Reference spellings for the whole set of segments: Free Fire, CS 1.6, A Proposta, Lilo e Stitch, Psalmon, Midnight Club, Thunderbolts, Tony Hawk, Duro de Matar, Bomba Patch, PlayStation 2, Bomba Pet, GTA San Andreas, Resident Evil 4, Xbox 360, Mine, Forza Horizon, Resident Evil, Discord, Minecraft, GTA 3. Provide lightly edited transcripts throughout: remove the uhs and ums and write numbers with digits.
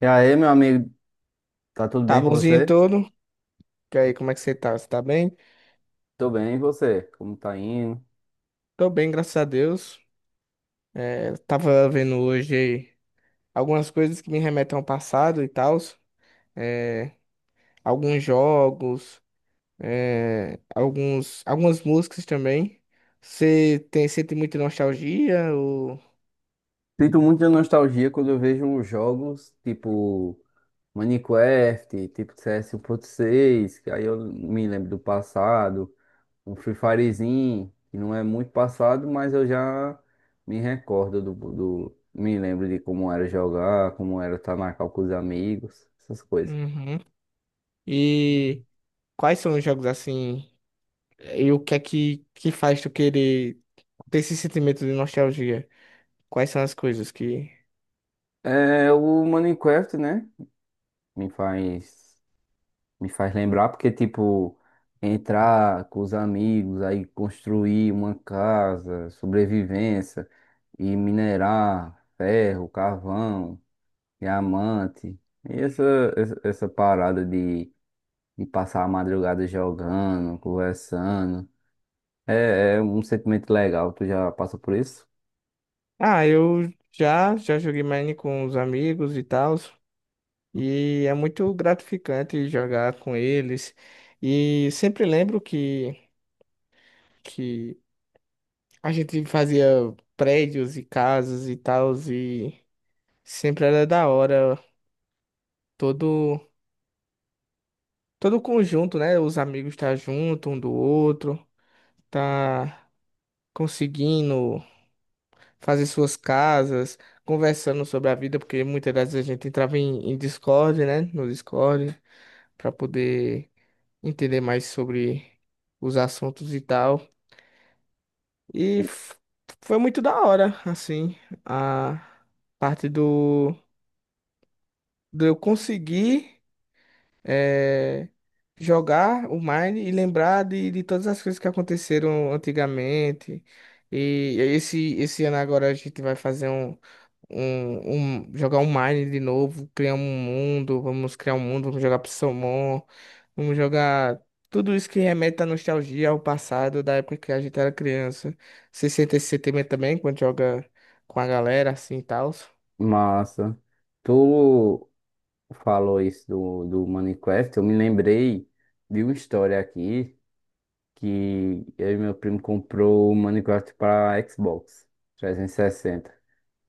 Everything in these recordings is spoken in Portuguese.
E aí, meu amigo, tá tudo Tá bem com bonzinho você? todo? E aí, como é que você tá? Você tá bem? Tô bem, e você? Como tá indo? Tô bem, graças a Deus. É, tava vendo hoje algumas coisas que me remetem ao passado e tal. É, alguns jogos, é, algumas músicas também. Você sente muita nostalgia? Ou... Sinto muita nostalgia quando eu vejo jogos tipo Minecraft, tipo CS 1.6, que aí eu me lembro do passado, um Free Firezinho, que não é muito passado, mas eu já me recordo me lembro de como era jogar, como era estar na cal com os amigos, essas coisas. Uhum. E quais são os jogos assim? E o que é que faz tu querer ter esse sentimento de nostalgia? Quais são as coisas que... É, o Minecraft, né? Me faz. Me faz lembrar porque, tipo, entrar com os amigos, aí construir uma casa, sobrevivência, e minerar ferro, carvão, diamante. E essa parada de passar a madrugada jogando, conversando, é um sentimento legal. Tu já passa por isso? Ah, eu já joguei Mine com os amigos e tal, e é muito gratificante jogar com eles. E sempre lembro que a gente fazia prédios e casas e tal, e sempre era da hora todo todo o conjunto, né? Os amigos estar junto um do outro, tá conseguindo fazer suas casas, conversando sobre a vida, porque muitas das vezes a gente entrava em Discord, né? No Discord. Para poder entender mais sobre os assuntos e tal. E f- foi muito da hora, assim, a parte do eu conseguir. eh, jogar o Mine e lembrar de todas as coisas que aconteceram antigamente. E esse ano agora a gente vai fazer jogar um Mine de novo, criar um mundo, vamos criar um mundo, vamos jogar Psalmon, vamos jogar tudo isso que remete à nostalgia, ao passado, da época que a gente era criança. Você sente esse sentimento também quando joga com a galera assim e tal? Massa. Tu falou isso do Minecraft, eu me lembrei de uma história aqui, que eu e meu primo comprou o Minecraft para Xbox 360.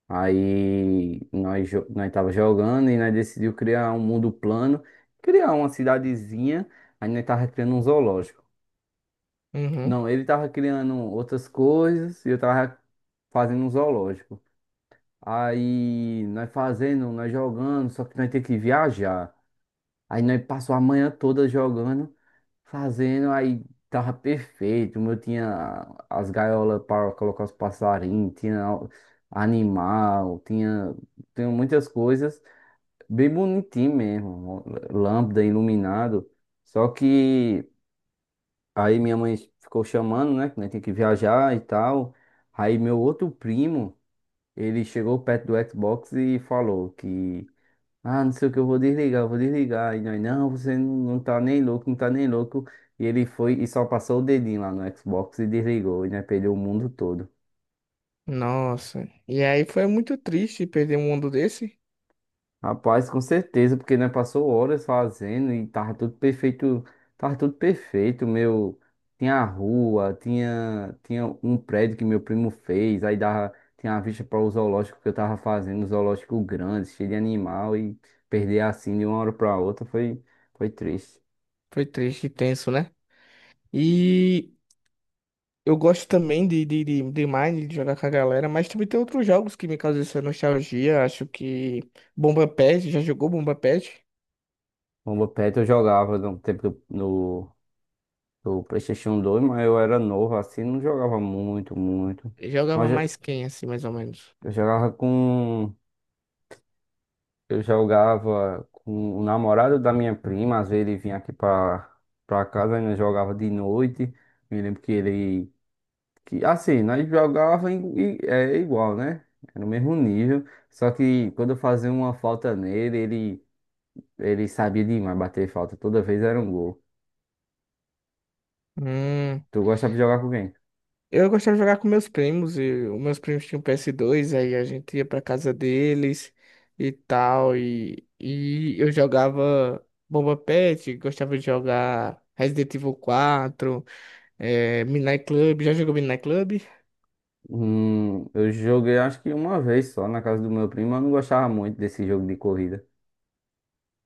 Aí nós, nós tava jogando e nós decidiu criar um mundo plano, criar uma cidadezinha, aí nós tava criando um zoológico. Uhum. Não, ele tava criando outras coisas e eu tava fazendo um zoológico. Aí nós fazendo, nós jogando, só que nós tem que viajar. Aí nós passou a manhã toda jogando, fazendo, aí tava perfeito. O meu tinha as gaiolas para colocar os passarinhos, tinha animal, tinha muitas coisas, bem bonitinho mesmo, lâmpada iluminado. Só que aí minha mãe ficou chamando, né, que nós tinha que viajar e tal. Aí meu outro primo, ele chegou perto do Xbox e falou que ah, não sei o que, eu vou desligar, eu vou desligar. E nós, não, você não, não tá nem louco, não tá nem louco. E ele foi e só passou o dedinho lá no Xbox e desligou. E nós perdeu o mundo todo. Nossa, e aí foi muito triste perder um mundo desse. Rapaz, com certeza, porque nós passou horas fazendo e tava tudo perfeito. Tava tudo perfeito, meu. Tinha a rua, tinha um prédio que meu primo fez. Aí dava, tinha a vista para o zoológico que eu tava fazendo, um zoológico grande, cheio de animal. E perder assim de uma hora pra outra foi triste. Foi triste e tenso, né? E eu gosto também de Mine, de jogar com a galera, mas também tem outros jogos que me causam essa nostalgia. Acho que Bomba Patch, já jogou Bomba Patch? Bomba Pet eu jogava no tempo do, no, do PlayStation 2, mas eu era novo assim, não jogava muito, muito. Jogava Mas mais quem, assim, mais ou menos? eu jogava com. Eu jogava com o namorado da minha prima, às vezes ele vinha aqui pra casa, ainda jogava de noite. Me lembro que ele. Que, assim, nós jogava é igual, né? Era o mesmo nível. Só que quando eu fazia uma falta nele, ele sabia demais bater falta. Toda vez era um gol. Hum, Tu gostava de jogar com quem? eu gostava de jogar com meus primos, e os meus primos tinham PS2, aí a gente ia pra casa deles e tal, e eu jogava Bomba Patch, gostava de jogar Resident Evil 4, Midnight Club, já jogou Midnight Club? Eu joguei acho que uma vez só na casa do meu primo, eu não gostava muito desse jogo de corrida.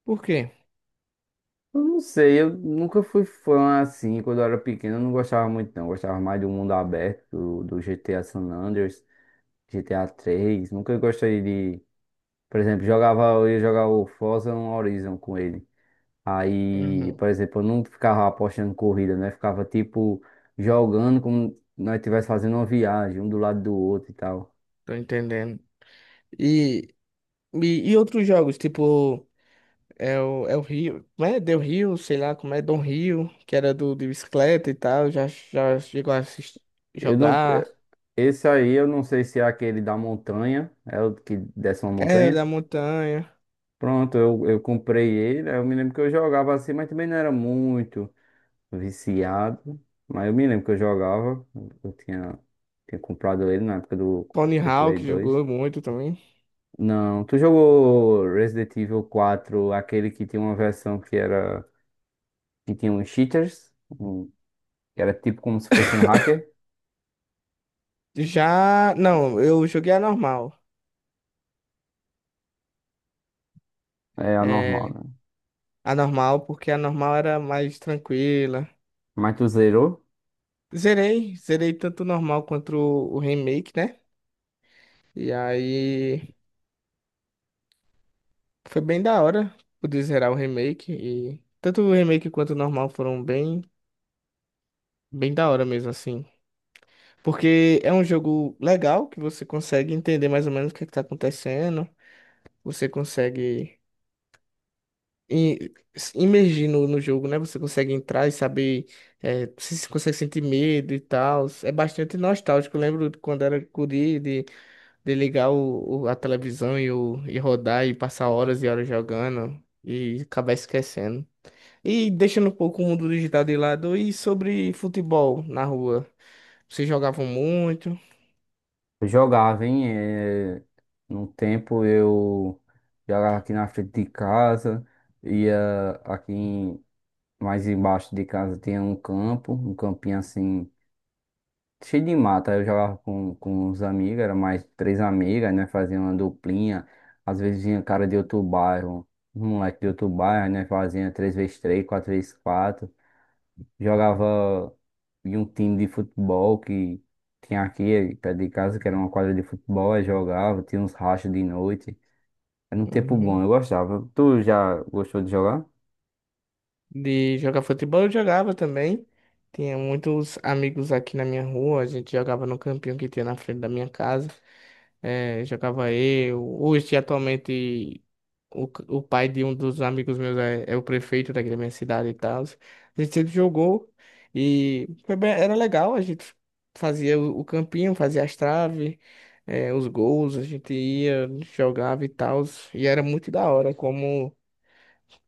Por quê? Eu não sei, eu nunca fui fã assim, quando eu era pequeno eu não gostava muito não, eu gostava mais do mundo aberto, do GTA San Andreas, GTA 3 nunca gostei de, por exemplo, jogava, eu ia jogar o Forza Horizon com ele. Aí, Uhum, por exemplo, eu não ficava apostando corrida, né? Ficava tipo jogando como nós estivéssemos fazendo uma viagem, um do lado do outro e tal. tô entendendo. E, e outros jogos, tipo, é o Rio, né? Del Rio, sei lá como é, Don Rio, que era do de bicicleta e tal, já chegou a assistir, Eu não. jogar. Esse aí eu não sei se é aquele da montanha, é o que desce uma É, montanha. da montanha. Pronto, eu comprei ele, aí eu me lembro que eu jogava assim, mas também não era muito viciado. Mas eu me lembro que eu jogava, eu tinha, tinha comprado ele na época do, Tony Play Hawk dois jogou muito também. Não, tu jogou Resident Evil 4, aquele que tinha uma versão que era, que tinha uns cheaters, que era tipo como se fosse um hacker? Já, não, eu joguei a normal. É anormal, É, né? a normal, porque a normal era mais tranquila. Mas tu zerou? Zerei tanto o normal quanto o remake, né? E aí. Foi bem da hora poder zerar o remake e tanto o remake quanto o normal foram bem, bem da hora mesmo assim. Porque é um jogo legal que você consegue entender mais ou menos o que está acontecendo, você consegue se imergir no jogo, né? Você consegue entrar e saber se consegue sentir medo e tal. É bastante nostálgico. Eu lembro de quando era guri de ligar a televisão e rodar e passar horas e horas jogando e acabar esquecendo. E deixando um pouco o mundo digital de lado, e sobre futebol na rua? Vocês jogavam muito? Eu jogava, hein? É, num tempo eu jogava aqui na frente de casa, ia aqui mais embaixo de casa tinha um campo, um campinho assim, cheio de mata. Aí eu jogava com os amigos, era mais três amigas, né? Fazia uma duplinha. Às vezes vinha cara de outro bairro, um moleque de outro bairro, né? Fazia três vezes três, quatro vezes quatro. Jogava em um time de futebol que tinha aqui perto de casa, que era uma quadra de futebol, aí jogava, tinha uns rachas de noite. Era um tempo Uhum. bom, eu gostava. Tu já gostou de jogar? De jogar futebol eu jogava também. Tinha muitos amigos aqui na minha rua. A gente jogava no campinho que tinha na frente da minha casa. Eh, jogava eu. Hoje, atualmente, o pai de um dos amigos meus é o prefeito daqui da minha cidade e tal. A gente sempre jogou e era legal. A gente fazia o campinho, fazia as traves, eh, os gols. A gente ia, jogava e tal. E era muito da hora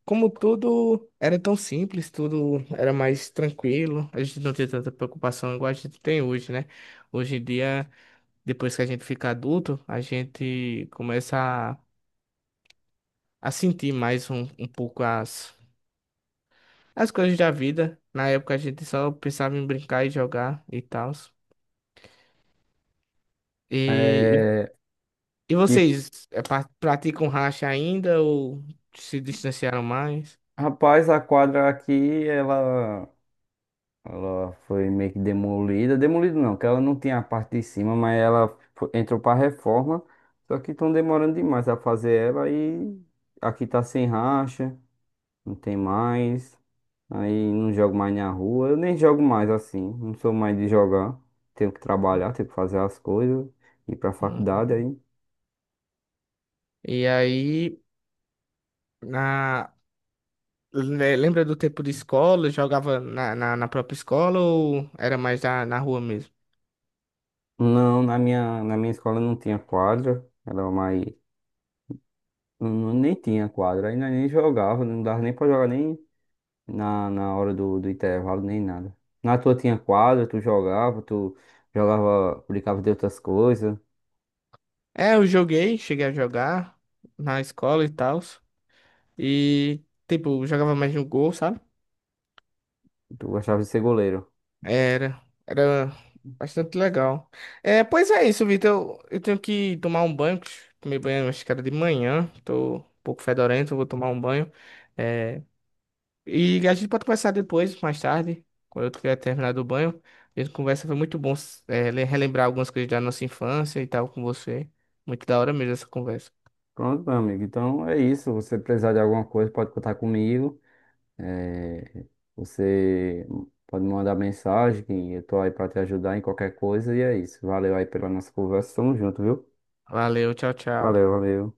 Como tudo era tão simples, tudo era mais tranquilo, a gente não tinha tanta preocupação igual a gente tem hoje, né? Hoje em dia, depois que a gente fica adulto, a gente começa a, a sentir mais um pouco as coisas da vida. Na época a gente só pensava em brincar e jogar e tal. E, e, É, e e vocês praticam racha ainda ou se distanciaram mais? Rapaz, a quadra aqui, ela foi meio que demolida. Demolida não, que ela não tinha a parte de cima, mas ela entrou para reforma. Só que estão demorando demais a fazer ela e aqui tá sem racha, não tem mais. Aí não jogo mais na rua. Eu nem jogo mais assim. Não sou mais de jogar. Tenho que trabalhar, tenho que fazer as coisas. Ir pra Hum. faculdade aí. E aí. Lembra do tempo de escola? Jogava na própria escola ou era mais na rua mesmo? Não, na minha escola não tinha quadra. Era mais, nem tinha quadra. Aí nós nem jogava. Não dava nem pra jogar nem na hora do intervalo, nem nada. Na tua tinha quadra, tu jogava, brincava de outras coisas. É, eu joguei, cheguei a jogar na escola e tal. E, tipo, jogava mais no gol, sabe? Tu gostava de ser goleiro. Era, era bastante legal. É, pois é isso, Vitor. Eu tenho que tomar um banho. Que Tomei banho, acho que era de manhã. Tô um pouco fedorento, vou tomar um banho. É. E a gente pode conversar depois, mais tarde, quando eu tiver terminado o banho. A gente conversa, foi muito bom, relembrar algumas coisas da nossa infância e tal com você. Muito da hora mesmo essa conversa. Pronto, meu amigo. Então é isso. Se você precisar de alguma coisa, pode contar comigo. É, você pode me mandar mensagem, que eu tô aí pra te ajudar em qualquer coisa. E é isso. Valeu aí pela nossa conversa. Tamo junto, viu? Valeu, tchau, tchau. Valeu, valeu.